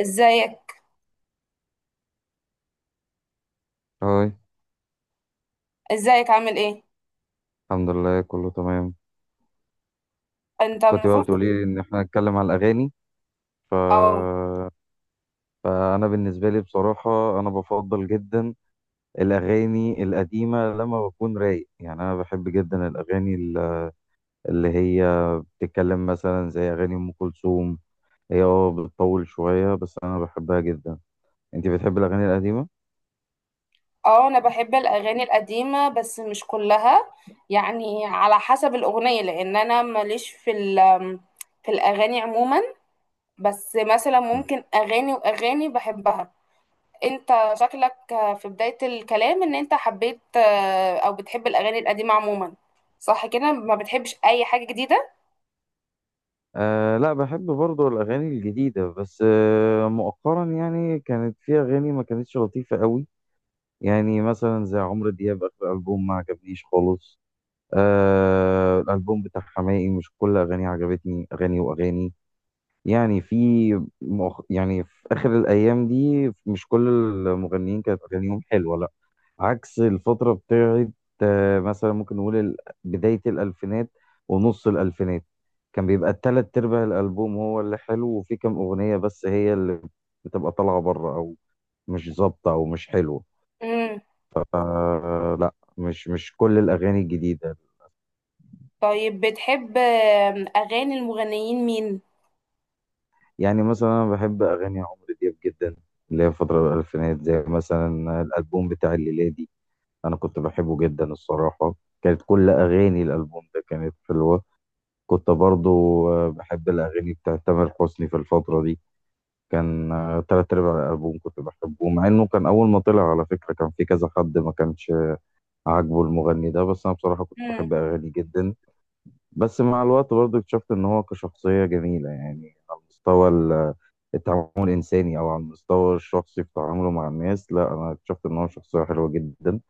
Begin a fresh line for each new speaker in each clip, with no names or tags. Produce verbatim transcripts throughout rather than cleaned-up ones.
ازيك؟
هاي.
ازيك عامل ايه؟
الحمد لله كله تمام.
انت
كنت بقى
المفروض...
بتقولي لي ان احنا نتكلم على الاغاني، ف...
اه.
فانا بالنسبه لي بصراحه انا بفضل جدا الاغاني القديمه لما بكون رايق. يعني انا بحب جدا الاغاني ال- اللي هي بتتكلم مثلا زي اغاني ام كلثوم. هي اه بتطول شويه بس انا بحبها جدا. انت بتحب الاغاني القديمه؟
اه، انا بحب الاغاني القديمه بس مش كلها، يعني على حسب الاغنيه، لان انا ماليش في ال في الاغاني عموما، بس مثلا ممكن اغاني واغاني بحبها. انت شكلك في بدايه الكلام ان انت حبيت، آه، او بتحب الاغاني القديمه عموما، صح كده؟ ما بتحبش اي حاجه جديده؟
آه، لا بحب برضو الأغاني الجديدة بس آه مؤخرا يعني كانت في أغاني ما كانتش لطيفة قوي. يعني مثلا زي عمرو دياب آخر ألبوم ما عجبنيش خالص. آه الألبوم بتاع حماقي مش كل أغانيه عجبتني، أغاني وأغاني. يعني في، مؤخ... يعني في آخر الأيام دي مش كل المغنيين كانت أغانيهم حلوة، لأ. عكس الفترة بتاعت، آه مثلا ممكن نقول ال- بداية الألفينات ونص الألفينات. كان بيبقى التلات أرباع الألبوم هو اللي حلو، وفي كام أغنية بس هي اللي بتبقى طالعة بره أو مش ظابطة أو مش حلوة.
امم.
آه لا، مش مش كل الأغاني الجديدة.
طيب بتحب آه، اغاني المغنيين مين؟
يعني مثلا أنا بحب أغاني عمرو دياب جدا، اللي هي فترة الألفينات، زي مثلا الألبوم بتاع الليلة دي. أنا كنت بحبه جدا الصراحة، كانت كل أغاني الألبوم ده كانت حلوة. كنت برضو آه، بحب الأغاني بتاعت تامر حسني في الفترة دي. كان آه، تلات أرباع الألبوم كنت بحبه، مع إنه كان أول ما طلع على فكرة كان في كذا حد ما كانش عاجبه المغني ده، بس أنا بصراحة كنت بحب أغاني جدا. بس مع الوقت برضو اكتشفت ان هو كشخصية جميلة، يعني على مستوى ال- التعامل الانساني او على المستوى الشخصي في تعامله مع الناس. لا انا اكتشفت ان هو شخصية حلوة جدا.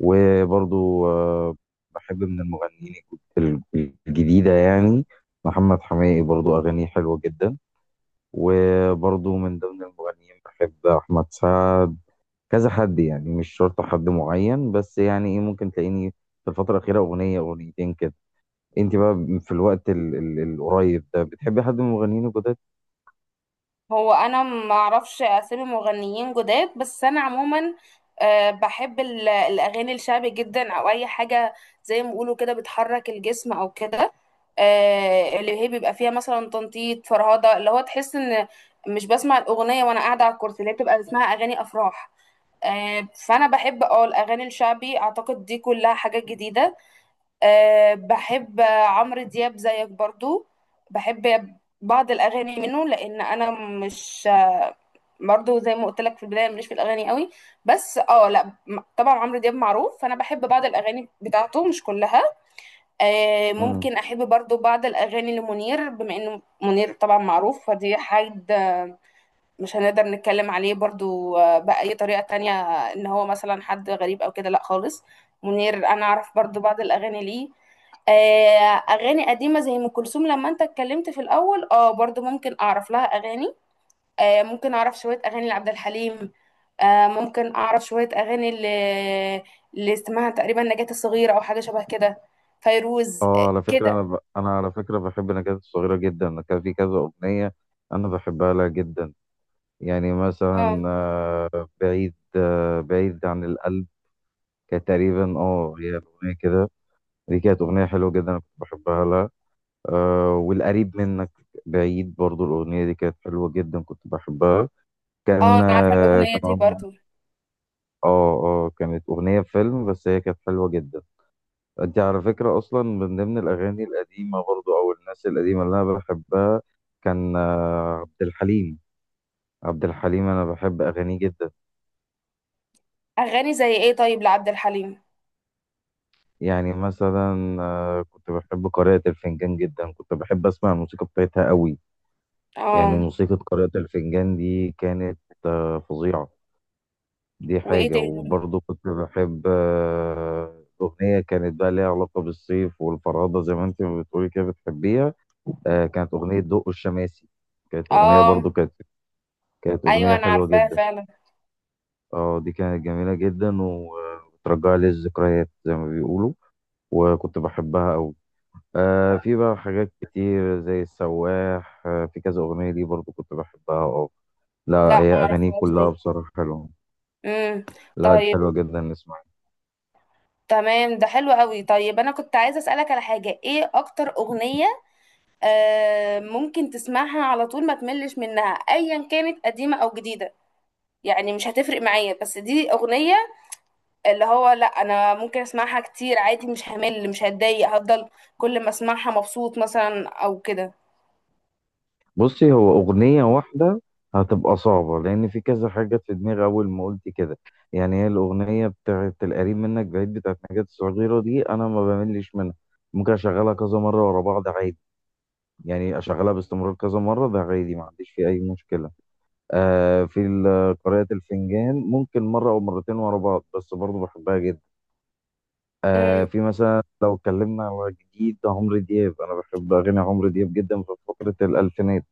وبرضو آه، بحب من المغنيين الج- الج- الجديدة يعني، محمد حماقي برضو اغانيه حلوة جدا. وبرضو من ضمن المغنيين بحب احمد سعد، كذا حد يعني، مش شرط حد معين. بس يعني ايه، ممكن تلاقيني في الفترة الأخيرة أغنية أغنيتين كده. انت بقى في الوقت ال ال القريب ده بتحبي حد من المغنيين الجداد؟
هو انا ما اعرفش اسامي مغنيين جداد، بس انا عموما آه، بحب ال- الاغاني الشعبي جدا، او اي حاجه زي ما بيقولوا كده بتحرك الجسم او كده. آه، اللي هي بيبقى فيها مثلا تنطيط فرهده، اللي هو تحس ان مش بسمع الاغنيه وانا قاعده على الكرسي، اللي هي بتبقى اسمها اغاني افراح. آه، فانا بحب اه الاغاني الشعبي، اعتقد دي كلها حاجات جديده. أه بحب عمرو دياب زيك برضو. بحب بعض الاغاني منه، لان انا مش آه، برضو زي ما قلت لك في البدايه ماليش في الاغاني قوي، بس اه لا م- طبعا عمرو دياب معروف، فانا بحب بعض الاغاني بتاعته مش كلها. أه
امم
ممكن احب برضو بعض الاغاني لمنير، بما انه منير طبعا معروف، فدي حاجه مش هنقدر نتكلم عليه برضو آه، بأي طريقة تانية. ان هو مثلا حد غريب او كده، لا خالص. منير انا اعرف برضو بعض الاغاني ليه. آه، اغاني قديمة زي ام كلثوم، لما انت اتكلمت في الاول اه، برضو ممكن اعرف لها اغاني. آه، ممكن اعرف شوية اغاني لعبد الحليم. آه، ممكن اعرف شوية اغاني اللي, اللي اسمها تقريبا نجاة الصغيرة، او حاجة شبه كده. فيروز، آه،
اه، على فكره
كده.
انا ب... انا على فكره بحب نجاة الصغيره جدا. أنا كان في كذا اغنيه انا بحبها لها جدا. يعني
اه.
مثلا آه، بعيد، آه، بعيد عن القلب كانت تقريبا، اه هي الاغنيه كده. دي كانت اغنيه حلوه جدا، انا كنت بحبها لها. آه والقريب منك بعيد برضو الاغنيه دي كانت حلوه جدا، كنت بحبها.
اه
كان
انا عارفة
آه،
الاغنية
كان
دي
عامل-
برضو.
اه اه كانت اغنيه فيلم بس هي كانت حلوه جدا. انت على فكرة اصلا من ضمن الاغاني القديمة برضو او الناس القديمة اللي انا بحبها كان آه، عبد الحليم. عبد الحليم انا بحب اغانيه جدا.
اغاني زي ايه طيب لعبد الحليم؟
يعني مثلا آه، كنت بحب قارئة الفنجان جدا، كنت بحب اسمع الموسيقى بتاعتها قوي. يعني
اه.
موسيقى قارئة الفنجان دي كانت آه، فظيعة. دي
وايه
حاجة،
تاني؟
وبرضو كنت بحب آه، أغنية كانت بقى ليها علاقة بالصيف والفرادة، زي ما انت بتقولي كده بتحبيها. آه، كانت أغنية دق الشماسي. كانت أغنية
اه.
برضو كانت كانت
ايوه
أغنية
انا
حلوة
عارفاها
جدا.
فعلا.
اه دي كانت جميلة جدا، وبترجع لي الذكريات زي ما بيقولوا، وكنت بحبها أوي. آه في بقى حاجات كتير زي السواح. آه في كذا أغنية دي برضو كنت بحبها. اه لا
لا
هي
ما
أغانيه
اعرفهاش
كلها
دي.
بصراحة حلوة.
امم.
لا دي
طيب
حلوة جدا، نسمعها.
تمام، ده حلو قوي. طيب انا كنت عايزه اسالك على حاجه، ايه اكتر اغنيه آه ممكن تسمعها على طول ما تملش منها، ايا كانت قديمه او جديده؟ يعني مش هتفرق معايا، بس دي اغنيه اللي هو لا انا ممكن اسمعها كتير عادي، مش همل مش هتضايق، هفضل كل ما اسمعها مبسوط مثلا او كده.
بصي، هو أغنية واحدة هتبقى صعبة لأن في كذا حاجة في دماغي أول ما قلت كده. يعني هي الأغنية بتاعت القريب منك بعيد بتاعت نجاة الصغيرة دي أنا ما بملش منها، ممكن أشغلها كذا مرة ورا بعض عادي. يعني اشغلها باستمرار كذا مره ده عادي، ما عنديش فيه اي مشكله. آه في ال- قراءه الفنجان ممكن مره او مرتين ورا بعض، بس برضو بحبها جدا. آه
امم.
في مثلا لو اتكلمنا على جديد عمرو دياب، انا بحب اغاني عمرو دياب جدا في فتره الالفينات.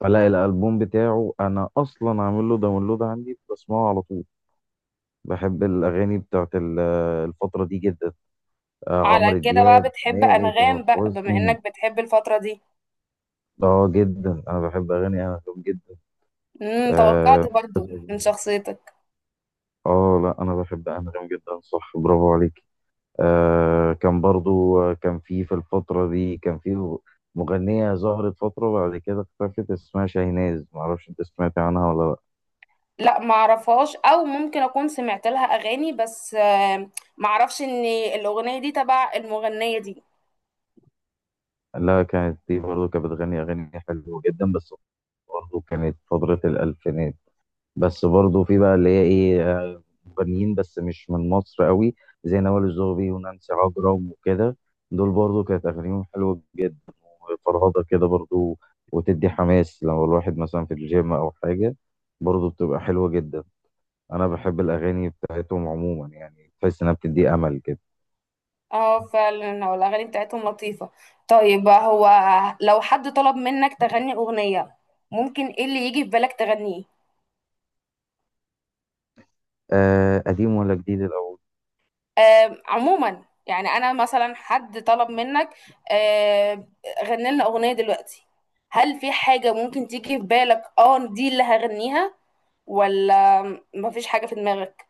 فلا الالبوم بتاعه انا اصلا عامل له داونلود عندي، بسمعه على طول. بحب الاغاني بتاعت ال- الفتره دي جدا، آه
على
عمرو
كده بقى
دياب،
بتحب
حماقي، تامر
انغام بقى، بما
حسني.
انك بتحب الفتره دي.
اه جدا انا بحب اغاني عمرو دياب جدا.
امم، توقعت
آه
برضو من شخصيتك.
اه لا انا بحب انغام جدا، صح، برافو عليك. آه، كان برضو آه، كان في في الفتره دي كان في مغنيه ظهرت فتره وبعد كده اختفت اسمها شاهناز، معرفش انت سمعت عنها ولا.
لا ما اعرفهاش، او ممكن اكون سمعت لها اغاني، بس آه، ما اعرفش ان الاغنيه دي تبع المغنيه دي.
لا لا، كانت دي برضو كانت بتغني اغاني حلوه جدا، بس برضو كانت فتره الالفينات. بس برضو في بقى اللي هي ايه، آه، مغنيين بس مش من مصر قوي زي نوال الزغبي ونانسي عجرم وكده. دول برضو كانت اغانيهم حلوه جدا، فرهضة كده برضو، وتدي حماس لو الواحد مثلا في الجيم أو حاجة، برضو بتبقى حلوة جدا. أنا بحب الأغاني بتاعتهم عموما يعني، تحس إنها بتدي أمل كده.
اه فعلا، هو الاغاني بتاعتهم لطيفه. طيب، هو لو حد طلب منك تغني اغنيه، ممكن ايه اللي يجي في بالك تغنيه؟
آه قديم ولا جديد الأول؟
آم، عموما يعني انا مثلا حد طلب منك آه، غني لنا اغنيه دلوقتي، هل في حاجه ممكن تيجي في بالك اه دي اللي هغنيها؟ ولا مفيش حاجه في دماغك؟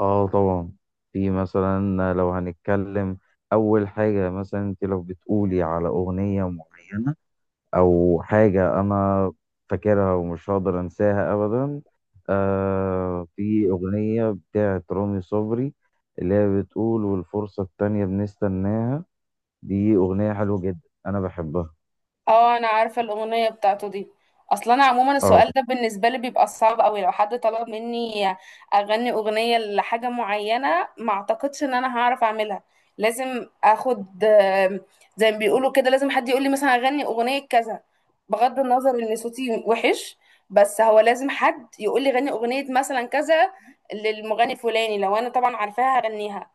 آه طبعا في مثلا لو هنتكلم، أول حاجة مثلا أنت لو بتقولي على أغنية معينة او حاجه انا فاكرها ومش هقدر انساها ابدا. آه في اغنيه بتاعه رامي صبري اللي هي بتقول والفرصه التانية بنستناها، دي اغنيه حلوه جدا انا بحبها.
اه انا عارفه الاغنيه بتاعته دي. اصلا انا عموما
اه
السؤال ده بالنسبه لي بيبقى صعب قوي. لو حد طلب مني اغني اغنيه لحاجه معينه، ما اعتقدش ان انا هعرف اعملها. لازم اخد آم، زي ما بيقولوا كده، لازم حد يقول لي مثلا اغني اغنيه كذا، بغض النظر ان صوتي وحش، بس هو لازم حد يقول لي غني اغنيه مثلا كذا للمغني فلاني، لو انا طبعا عارفاها هغنيها.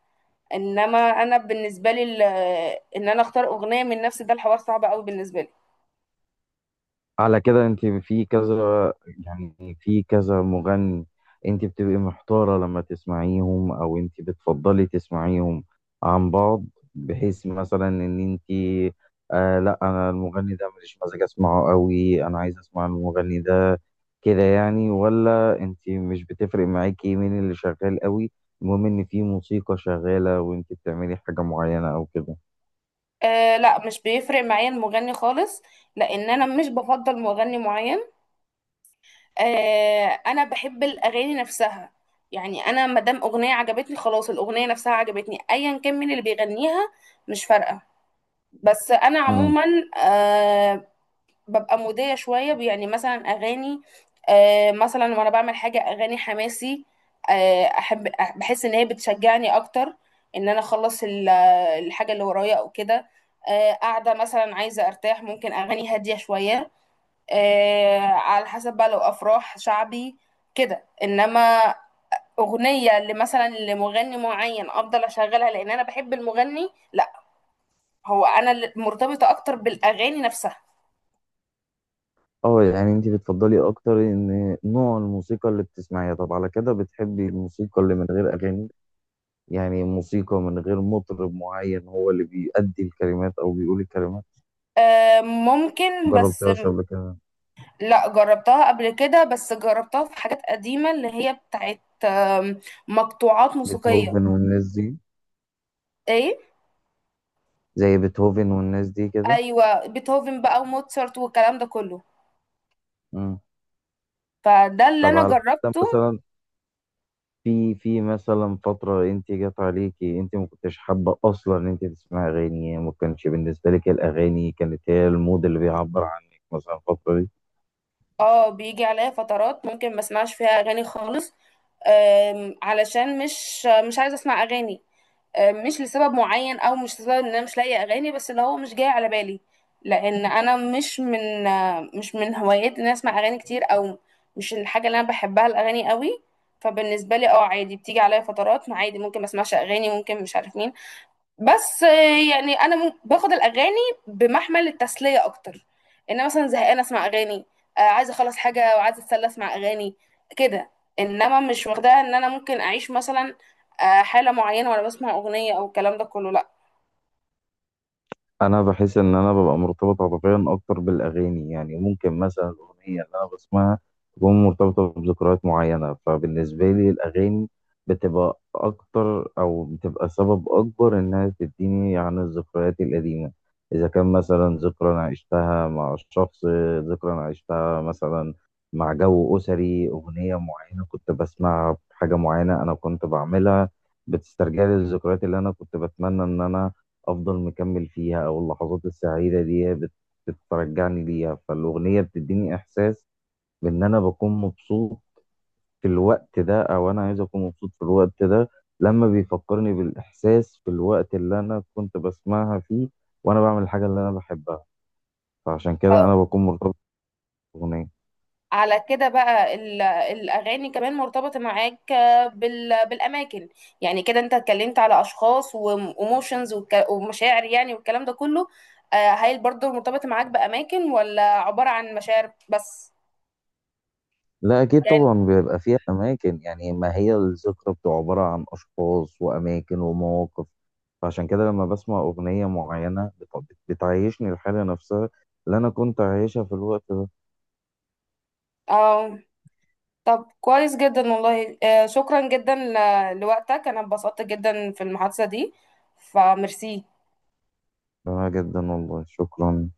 انما انا بالنسبه لي ال- ان انا اختار اغنيه من نفسي، ده الحوار صعب قوي بالنسبه لي.
على كده انت في كذا، يعني في كذا مغني، انت بتبقي محتارة لما تسمعيهم او انت بتفضلي تسمعيهم عن بعض، بحيث مثلا ان انت آه لا انا المغني ده ماليش مزاج اسمعه قوي، انا عايز اسمع المغني ده كده يعني؟ ولا انت مش بتفرق معاكي مين اللي شغال قوي، المهم ان في موسيقى شغالة وانت بتعملي حاجة معينة او كده.
آه لا، مش بيفرق معايا المغني خالص، لان انا مش بفضل مغني معين. آه انا بحب الاغاني نفسها. يعني انا ما دام اغنيه عجبتني خلاص، الاغنيه نفسها عجبتني ايا كان مين اللي بيغنيها، مش فارقه. بس انا عموما آه، ببقى مودية شوية، يعني مثلا أغاني آه، مثلا وأنا بعمل حاجة أغاني حماسي. آه، أحب أح- بحس إن هي بتشجعني أكتر إن أنا أخلص ال- الحاجة اللي ورايا أو كده. آه، قاعدة مثلا عايزة أرتاح، ممكن أغاني هادية شوية. آه، على حسب بقى، لو أفراح شعبي كده. إنما أغنية لمثلا لمغني معين أفضل أشغلها لأن أنا بحب المغني، لا. هو أنا اللي مرتبطة أكتر بالأغاني نفسها.
اه يعني انت بتفضلي اكتر ان نوع الموسيقى اللي بتسمعيها. طب على كده بتحبي الموسيقى اللي من غير اغاني؟ يعني موسيقى من غير مطرب معين هو اللي بيأدي الكلمات او بيقول الكلمات.
آه، ممكن بس.
جربتهاش قبل كده؟
لا جربتها قبل كده، بس جربتها في حاجات قديمة اللي هي بتاعت أم، مقطوعات موسيقية.
بيتهوفن والناس دي؟
ايه؟
زي بيتهوفن والناس دي كده.
ايوه بيتهوفن بقى وموتسارت والكلام ده كله.
امم
فده اللي
طب
انا
على كده
جربته.
مثلا، في في مثلا فترة انت جت عليكي انت ما كنتش حابة اصلا ان انت تسمعي اغاني، ما كانش بالنسبة لك الاغاني كانت هي المود اللي بيعبر عنك مثلا الفترة دي؟
اه بيجي عليا فترات ممكن ما اسمعش فيها اغاني خالص، أم، علشان مش مش عايزة اسمع اغاني. آه، مش لسبب معين، او مش لسبب ان انا مش لاقيه اغاني، بس اللي هو مش جاي على بالي. لان انا مش من آه، مش من هوايات ان أنا اسمع اغاني كتير، او مش الحاجه اللي انا بحبها الاغاني قوي. فبالنسبه لي اه عادي، بتيجي عليا فترات ما عادي ممكن ما اسمعش اغاني، ممكن مش عارف مين. بس آه، يعني انا مم- باخد الاغاني بمحمل التسليه اكتر، ان مثلا زهقانه اسمع اغاني، آه، عايزه اخلص حاجه وعايزه اتسلى اسمع اغاني كده. انما مش واخداها ان انا ممكن اعيش مثلا آه، حاله معينه وانا بسمع اغنيه او الكلام ده كله، لا.
انا بحس ان انا ببقى مرتبط عاطفيا اكتر بالاغاني. يعني ممكن مثلا الاغنيه اللي انا بسمعها تكون مرتبطه بذكريات معينه، فبالنسبه لي الاغاني بتبقى اكتر او بتبقى سبب اكبر انها تديني عن الذكريات القديمه. اذا كان مثلا ذكرى انا عشتها مع الشخص، ذكرى انا عشتها مثلا مع جو اسري، اغنيه معينه كنت بسمعها بحاجه معينه انا كنت بعملها، بتسترجع لي الذكريات اللي انا كنت بتمنى ان انا افضل مكمل فيها، او اللحظات السعيده دي بت- بترجعني ليها. فالاغنيه بتديني احساس بان انا بكون مبسوط في الوقت ده، او انا عايز اكون مبسوط في الوقت ده لما بيفكرني بالاحساس في الوقت اللي انا كنت بسمعها فيه وانا بعمل الحاجه اللي انا بحبها. فعشان كده انا بكون مرتبط بالاغنيه.
على كده بقى ال- الأغاني كمان مرتبطة معاك آه، بال- بالأماكن. يعني كده أنت اتكلمت على أشخاص وإيموشنز ومشاعر يعني والكلام ده كله. آه، هل برضه مرتبطة معاك بأماكن، ولا عبارة عن مشاعر بس؟
لا أكيد
يعني
طبعا بيبقى فيها أماكن، يعني ما هي الذكرى بتبقى عبارة عن أشخاص وأماكن ومواقف. فعشان كده لما بسمع أغنية معينة بت- بتعيشني الحالة نفسها اللي أنا كنت عايشها في الوقت ده.
اه. طب كويس جدا والله، آه، شكرا جدا ل- لوقتك. أنا اتبسطت جدا في المحادثة دي، فميرسي.
جميل جدا والله، شكرا.